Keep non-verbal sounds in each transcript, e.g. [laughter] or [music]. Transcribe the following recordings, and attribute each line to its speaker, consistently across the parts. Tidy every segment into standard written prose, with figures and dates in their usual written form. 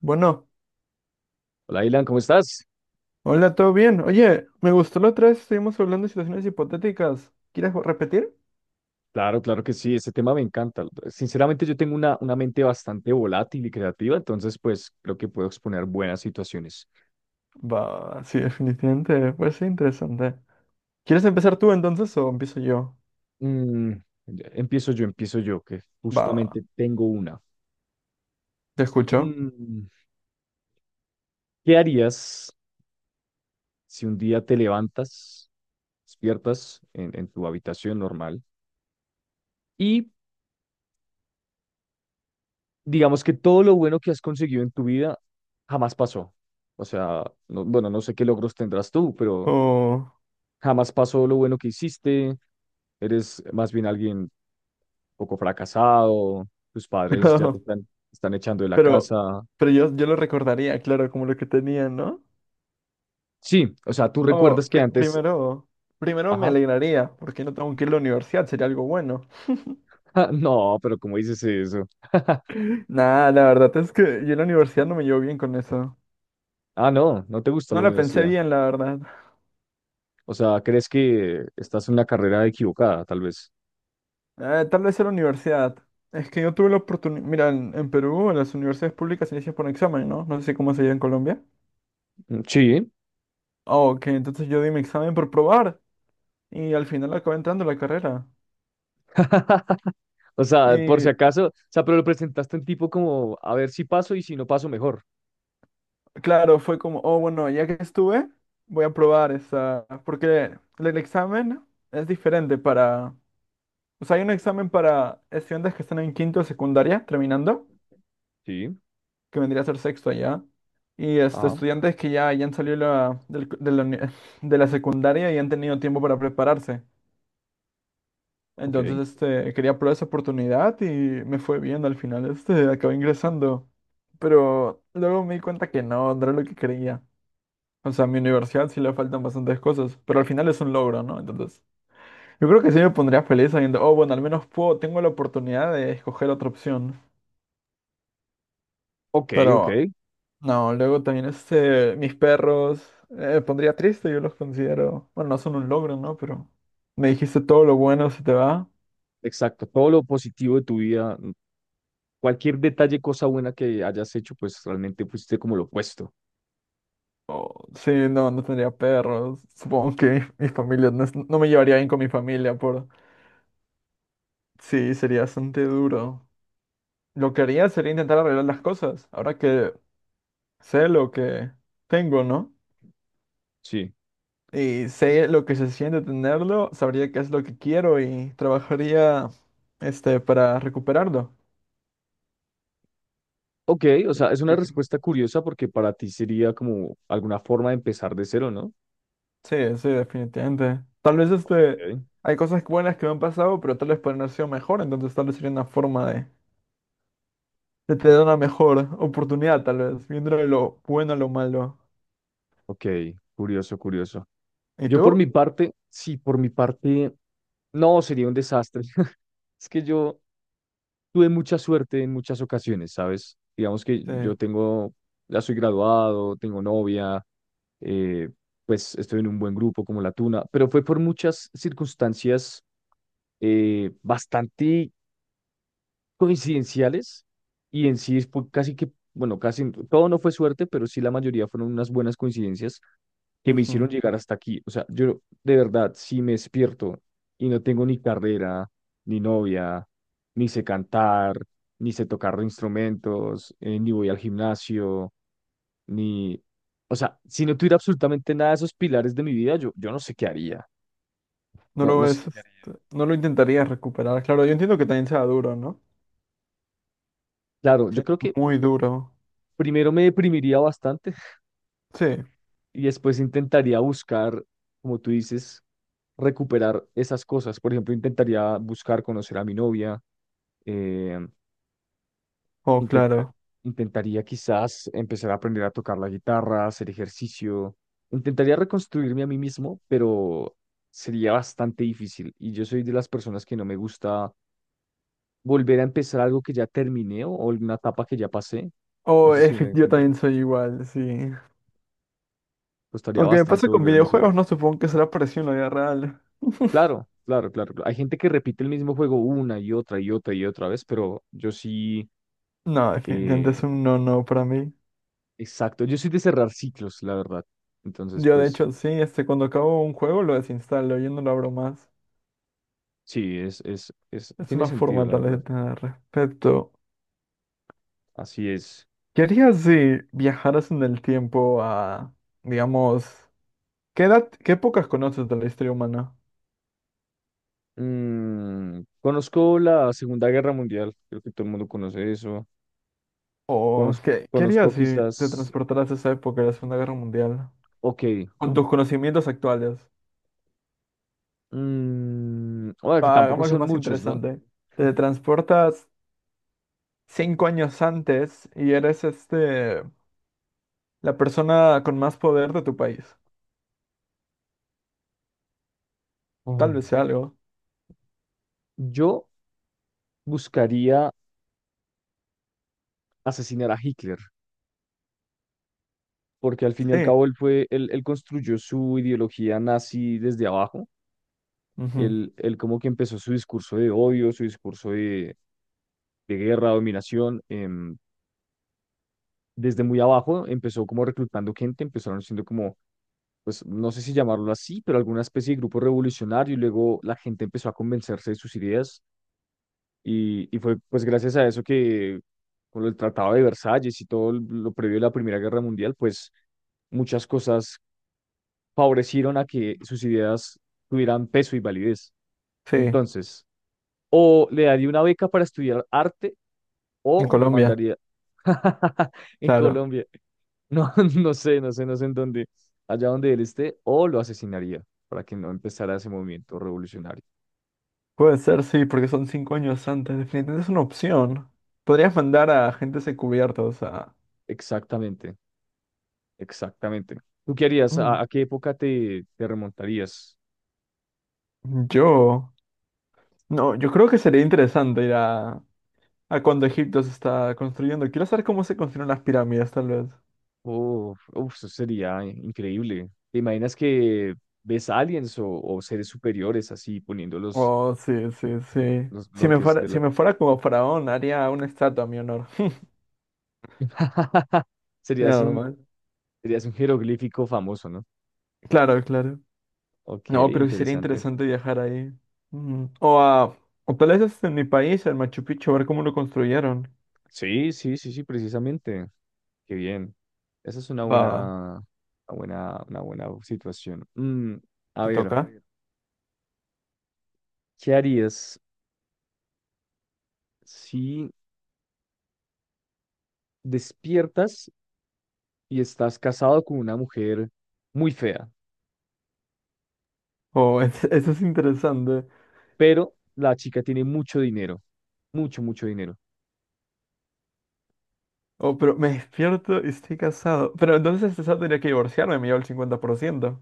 Speaker 1: Bueno,
Speaker 2: Hola, Ilan, ¿cómo estás?
Speaker 1: hola, ¿todo bien? Oye, me gustó la otra vez, estuvimos hablando de situaciones hipotéticas. ¿Quieres repetir?
Speaker 2: Claro, claro que sí, este tema me encanta. Sinceramente, yo tengo una mente bastante volátil y creativa, entonces, pues, creo que puedo exponer buenas situaciones.
Speaker 1: Va, sí, definitivamente, parece interesante. ¿Quieres empezar tú entonces o empiezo yo?
Speaker 2: Mm, empiezo yo, que
Speaker 1: Va,
Speaker 2: justamente tengo una.
Speaker 1: te escucho.
Speaker 2: Mm, ¿Qué harías si un día te levantas, despiertas en tu habitación normal y digamos que todo lo bueno que has conseguido en tu vida jamás pasó? O sea, bueno, no sé qué logros tendrás tú, pero
Speaker 1: Oh,
Speaker 2: jamás pasó lo bueno que hiciste, eres más bien alguien poco fracasado, tus padres ya
Speaker 1: [laughs]
Speaker 2: te están echando de la
Speaker 1: pero,
Speaker 2: casa.
Speaker 1: pero yo lo recordaría, claro, como lo que tenía, ¿no?
Speaker 2: Sí, o sea, tú
Speaker 1: Oh,
Speaker 2: recuerdas que antes,
Speaker 1: primero me
Speaker 2: ajá,
Speaker 1: alegraría, porque no tengo que ir a la universidad, sería algo bueno.
Speaker 2: [laughs] no, pero ¿cómo dices eso? [laughs]
Speaker 1: [laughs] Nah, la verdad es que yo en la universidad no me llevo bien con eso.
Speaker 2: Ah, no, no te gusta
Speaker 1: No
Speaker 2: la
Speaker 1: la pensé
Speaker 2: universidad.
Speaker 1: bien, la verdad.
Speaker 2: O sea, crees que estás en una carrera equivocada, tal vez.
Speaker 1: Tal vez en la universidad. Es que yo tuve la oportunidad. Mira, en Perú las universidades públicas se inician por un examen, ¿no? No sé cómo se llama en Colombia.
Speaker 2: Mm, sí.
Speaker 1: Ah, ok, entonces yo di mi examen por probar y al final acabé entrando a la carrera.
Speaker 2: [laughs] O sea, por
Speaker 1: Y
Speaker 2: si acaso, o sea, pero lo presentaste en tipo como, a ver si paso y si no paso mejor.
Speaker 1: claro, fue como, oh, bueno, ya que estuve, voy a probar esa. Porque el examen es diferente para. O sea, hay un examen para estudiantes que están en quinto de secundaria, terminando,
Speaker 2: Sí.
Speaker 1: que vendría a ser sexto allá. Y
Speaker 2: Ajá,
Speaker 1: estudiantes que ya han salido la- del co- de, la, uni- [laughs] de la secundaria y han tenido tiempo para prepararse.
Speaker 2: ok.
Speaker 1: Entonces, quería probar esa oportunidad y me fue bien al final. Acabé ingresando. Pero luego me di cuenta que no era lo que quería. O sea, a mi universidad sí le faltan bastantes cosas, pero al final es un logro, ¿no? Entonces, yo creo que sí me pondría feliz sabiendo, oh, bueno, al menos puedo, tengo la oportunidad de escoger otra opción.
Speaker 2: Ok, ok.
Speaker 1: Pero no, luego también, mis perros, pondría triste, yo los considero, bueno, no son un logro, ¿no? Pero me dijiste todo lo bueno se te va.
Speaker 2: Exacto. Todo lo positivo de tu vida. Cualquier detalle, cosa buena que hayas hecho, pues realmente fuiste como lo opuesto.
Speaker 1: Sí, no, no tendría perros. Supongo que mi familia, no, no me llevaría bien con mi familia, por... Sí, sería bastante duro. Lo que haría sería intentar arreglar las cosas, ahora que sé lo que tengo, ¿no?
Speaker 2: Sí.
Speaker 1: Y sé lo que se siente tenerlo, sabría qué es lo que quiero y trabajaría, para recuperarlo.
Speaker 2: Ok, o
Speaker 1: Yo-
Speaker 2: sea, es una
Speaker 1: yo creo.
Speaker 2: respuesta curiosa porque para ti sería como alguna forma de empezar de cero, ¿no?
Speaker 1: Sí, sí, definitivamente. Tal vez
Speaker 2: Ok.
Speaker 1: hay cosas buenas que no han pasado, pero tal vez pueden haber sido mejor, entonces tal vez sería una forma de tener una mejor oportunidad, tal vez, viendo de lo bueno a lo malo.
Speaker 2: Ok, curioso, curioso.
Speaker 1: ¿Y
Speaker 2: Yo por
Speaker 1: tú?
Speaker 2: mi parte, sí, por mi parte, no, sería un desastre. [laughs] Es que yo tuve mucha suerte en muchas ocasiones, ¿sabes? Digamos que yo
Speaker 1: Sí.
Speaker 2: tengo, ya soy graduado, tengo novia, eh, pues estoy en un buen grupo como La Tuna, pero fue por muchas circunstancias bastante coincidenciales y en sí fue casi que, bueno, casi todo no fue suerte, pero sí la mayoría fueron unas buenas coincidencias que me
Speaker 1: Ujú.
Speaker 2: hicieron llegar hasta aquí. O sea, yo de verdad, si me despierto y no tengo ni carrera, ni novia, ni sé cantar, ni sé tocar instrumentos, ni voy al gimnasio, ni... O sea, si no tuviera absolutamente nada de esos pilares de mi vida, yo no sé qué haría.
Speaker 1: No
Speaker 2: No,
Speaker 1: lo
Speaker 2: no sé
Speaker 1: ves,
Speaker 2: qué haría.
Speaker 1: no lo intentarías recuperar. Claro, yo entiendo que también sea duro, ¿no?
Speaker 2: Claro, yo
Speaker 1: Sí,
Speaker 2: creo que
Speaker 1: muy duro.
Speaker 2: primero me deprimiría bastante
Speaker 1: Sí.
Speaker 2: y después intentaría buscar, como tú dices, recuperar esas cosas. Por ejemplo, intentaría buscar conocer a mi novia, eh,
Speaker 1: Oh,
Speaker 2: intenta-
Speaker 1: claro.
Speaker 2: intentaría quizás empezar a aprender a tocar la guitarra, hacer ejercicio, intentaría reconstruirme a mí mismo, pero sería bastante difícil. Y yo soy de las personas que no me gusta volver a empezar algo que ya terminé o alguna etapa que ya pasé. No
Speaker 1: Oh,
Speaker 2: sé si
Speaker 1: es
Speaker 2: me voy
Speaker 1: que
Speaker 2: a
Speaker 1: yo
Speaker 2: entender.
Speaker 1: también soy igual, sí.
Speaker 2: Costaría
Speaker 1: Aunque me
Speaker 2: bastante
Speaker 1: pase con
Speaker 2: volver a iniciar.
Speaker 1: videojuegos, no supongo que será parecido en la vida real.
Speaker 2: Claro, claro, claro, claro. Hay gente que repite el mismo juego una y otra y otra y otra vez, pero yo sí,
Speaker 1: No, definitivamente es
Speaker 2: eh,
Speaker 1: un no no para mí.
Speaker 2: exacto, yo soy de cerrar ciclos, la verdad. Entonces,
Speaker 1: Yo de
Speaker 2: pues
Speaker 1: hecho sí, cuando acabo un juego lo desinstalo, yo no lo abro más.
Speaker 2: sí, es,
Speaker 1: Es
Speaker 2: tiene
Speaker 1: una
Speaker 2: sentido,
Speaker 1: forma
Speaker 2: la
Speaker 1: tal vez de
Speaker 2: verdad.
Speaker 1: tener respeto.
Speaker 2: Así es.
Speaker 1: ¿Qué harías si viajaras en el tiempo a, digamos, qué edad, qué épocas conoces de la historia humana?
Speaker 2: Mm, conozco la Segunda Guerra Mundial, creo que todo el mundo conoce eso.
Speaker 1: ¿O
Speaker 2: Conozco,
Speaker 1: qué, qué harías
Speaker 2: conozco
Speaker 1: si te
Speaker 2: quizás,
Speaker 1: transportaras a esa época de la Segunda Guerra Mundial?
Speaker 2: ok,
Speaker 1: Con
Speaker 2: uh,
Speaker 1: tus conocimientos actuales.
Speaker 2: bueno, que
Speaker 1: Va,
Speaker 2: tampoco
Speaker 1: hagamos lo
Speaker 2: son
Speaker 1: más
Speaker 2: muchos, ¿no?
Speaker 1: interesante. Te transportas 5 años antes y eres la persona con más poder de tu país. Tal
Speaker 2: Mm.
Speaker 1: vez sea algo.
Speaker 2: Yo buscaría asesinar a Hitler, porque al fin y al
Speaker 1: Sí.
Speaker 2: cabo él construyó su ideología nazi desde abajo.
Speaker 1: Ujú.
Speaker 2: Él como que empezó su discurso de odio, su discurso de guerra, dominación, desde muy abajo, empezó como reclutando gente, empezaron siendo como, pues no sé si llamarlo así, pero alguna especie de grupo revolucionario y luego la gente empezó a convencerse de sus ideas y fue pues gracias a eso que con el Tratado de Versalles y todo lo previo a la Primera Guerra Mundial, pues muchas cosas favorecieron a que sus ideas tuvieran peso y validez.
Speaker 1: Sí,
Speaker 2: Entonces, o le daría una beca para estudiar arte
Speaker 1: en
Speaker 2: o lo
Speaker 1: Colombia,
Speaker 2: mandaría [laughs] en
Speaker 1: claro.
Speaker 2: Colombia. No, [laughs] no sé, no sé, no sé en dónde, allá donde él esté, o lo asesinaría para que no empezara ese movimiento revolucionario.
Speaker 1: Puede ser, sí, porque son 5 años antes. Definitivamente es una opción. Podrías mandar a agentes encubiertos a...
Speaker 2: Exactamente, exactamente. ¿Tú qué harías?
Speaker 1: Mm.
Speaker 2: A qué época te remontarías?
Speaker 1: Yo... No, yo creo que sería interesante ir a cuando Egipto se está construyendo. Quiero saber cómo se construyeron las pirámides, tal vez.
Speaker 2: Uf, uf, eso sería increíble. ¿Te imaginas que ves aliens o seres superiores así poniéndolos
Speaker 1: Oh, sí, sí, sí.
Speaker 2: los
Speaker 1: Si me
Speaker 2: bloques
Speaker 1: fuera,
Speaker 2: de
Speaker 1: si
Speaker 2: la...
Speaker 1: me fuera como faraón, haría una estatua a mi honor. [laughs]
Speaker 2: [laughs]
Speaker 1: Sería
Speaker 2: Serías un,
Speaker 1: normal.
Speaker 2: serías un jeroglífico famoso, ¿no?
Speaker 1: Claro, claro.
Speaker 2: Ok,
Speaker 1: No, creo que sería
Speaker 2: interesante.
Speaker 1: interesante viajar ahí. Mm, O a, o tal vez hasta en mi país, al Machu Picchu, a ver cómo lo construyeron.
Speaker 2: Sí, sí, sí, sí, precisamente. Qué bien. Esa es una
Speaker 1: Va,
Speaker 2: buena, una buena, una buena situación. Mm, a
Speaker 1: ¿te
Speaker 2: ver,
Speaker 1: toca?
Speaker 2: ¿qué harías si despiertas y estás casado con una mujer muy fea,
Speaker 1: O [laughs] eso es interesante.
Speaker 2: pero la chica tiene mucho dinero, mucho, mucho dinero?
Speaker 1: Oh, pero me despierto y estoy casado. Pero entonces este sábado tendría que divorciarme, me llevo el 50%.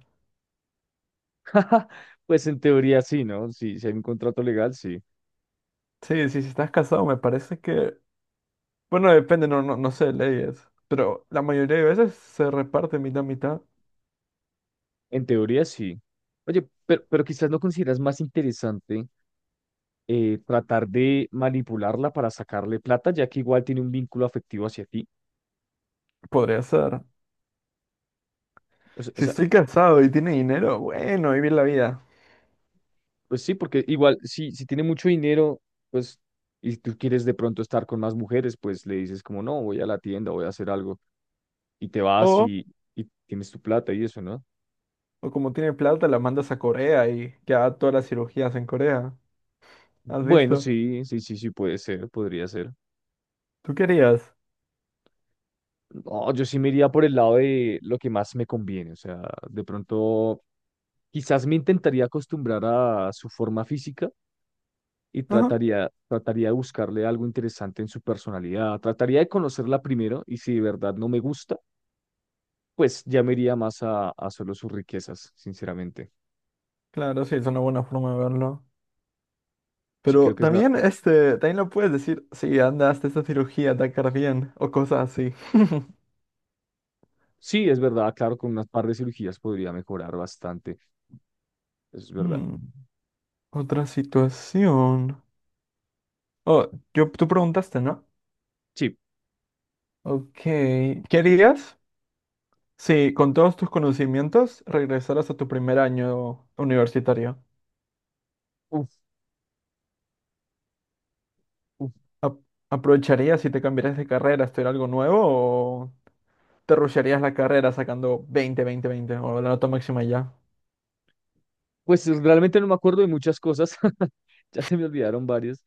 Speaker 2: [laughs] Pues en teoría sí, ¿no? Si hay un contrato legal, sí.
Speaker 1: Sí, sí, si estás casado me parece que... Bueno, depende, no, no, no sé, leyes. Pero la mayoría de veces se reparte mitad, mitad.
Speaker 2: En teoría sí. Oye, pero quizás no consideras más interesante tratar de manipularla para sacarle plata, ya que igual tiene un vínculo afectivo hacia ti.
Speaker 1: Podría ser.
Speaker 2: O
Speaker 1: Si
Speaker 2: sea,
Speaker 1: estoy casado y tiene dinero, bueno, vivir la vida.
Speaker 2: pues sí, porque igual si tiene mucho dinero, pues, y tú quieres de pronto estar con más mujeres, pues le dices como, no, voy a la tienda, voy a hacer algo, y te vas y tienes tu plata y eso, ¿no?
Speaker 1: O como tiene plata, la mandas a Corea y que haga todas las cirugías en Corea. ¿Has
Speaker 2: Bueno,
Speaker 1: visto?
Speaker 2: sí, sí, sí, sí, puede ser, podría ser.
Speaker 1: ¿Tú querías?
Speaker 2: No, yo sí me iría por el lado de lo que más me conviene. O sea, de pronto, quizás me intentaría acostumbrar a su forma física y
Speaker 1: Ajá.
Speaker 2: trataría de buscarle algo interesante en su personalidad. Trataría de conocerla primero y si de verdad no me gusta, pues ya me iría más a solo sus riquezas, sinceramente.
Speaker 1: Claro, sí, es una buena forma de verlo.
Speaker 2: Sí,
Speaker 1: Pero
Speaker 2: creo que es la...
Speaker 1: también, también lo puedes decir, sí, anda, hasta esta cirugía, te va a quedar bien, o cosas así.
Speaker 2: Sí, es verdad, claro, con unas par de cirugías podría mejorar bastante. Es verdad.
Speaker 1: Hmm, otra situación. Oh, tú preguntaste, ¿no?
Speaker 2: Sí.
Speaker 1: Ok. ¿Qué harías si con todos tus conocimientos regresaras a tu primer año universitario?
Speaker 2: Uf, uf.
Speaker 1: ¿Ap- ¿Aprovecharías si te cambiaras de carrera, estudiar algo nuevo, te rushearías la carrera sacando 20, 20, 20 o la nota máxima y ya?
Speaker 2: Pues realmente no me acuerdo de muchas cosas. [laughs] Ya se me olvidaron varias.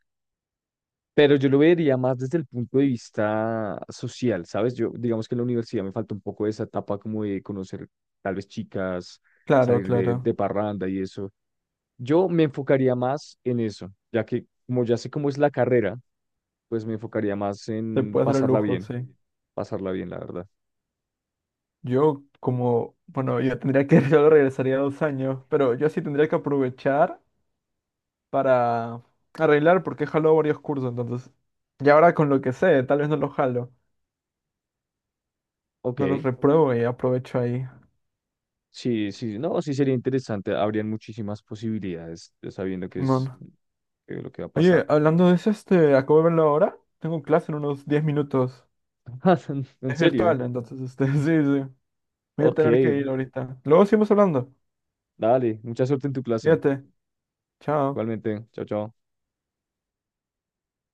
Speaker 2: Pero yo lo vería más desde el punto de vista social, ¿sabes? Yo, digamos que en la universidad me falta un poco esa etapa como de conocer tal vez chicas,
Speaker 1: Claro,
Speaker 2: salir
Speaker 1: claro.
Speaker 2: de parranda y eso. Yo me enfocaría más en eso, ya que como ya sé cómo es la carrera, pues me enfocaría más
Speaker 1: Te
Speaker 2: en
Speaker 1: puedes dar el lujo, sí.
Speaker 2: pasarla bien, la verdad.
Speaker 1: Bueno, yo tendría que, [laughs] yo regresaría 2 años, pero yo sí tendría que aprovechar para arreglar porque he jalado varios cursos, entonces. Y ahora con lo que sé, tal vez no los jalo,
Speaker 2: Ok,
Speaker 1: no los repruebo y aprovecho ahí.
Speaker 2: sí, sí, no, sí sería interesante, habrían muchísimas posibilidades sabiendo qué es
Speaker 1: Simón.
Speaker 2: lo que va a pasar.
Speaker 1: Oye, hablando de eso, acabo de verlo ahora. Tengo clase en unos 10 minutos.
Speaker 2: [laughs] En
Speaker 1: Es
Speaker 2: serio,
Speaker 1: virtual, entonces, [laughs] sí, sí. Voy a
Speaker 2: ok,
Speaker 1: tener que ir ahorita. Luego seguimos hablando.
Speaker 2: dale, mucha suerte en tu clase.
Speaker 1: Fíjate. Chao.
Speaker 2: Igualmente, chao, chao.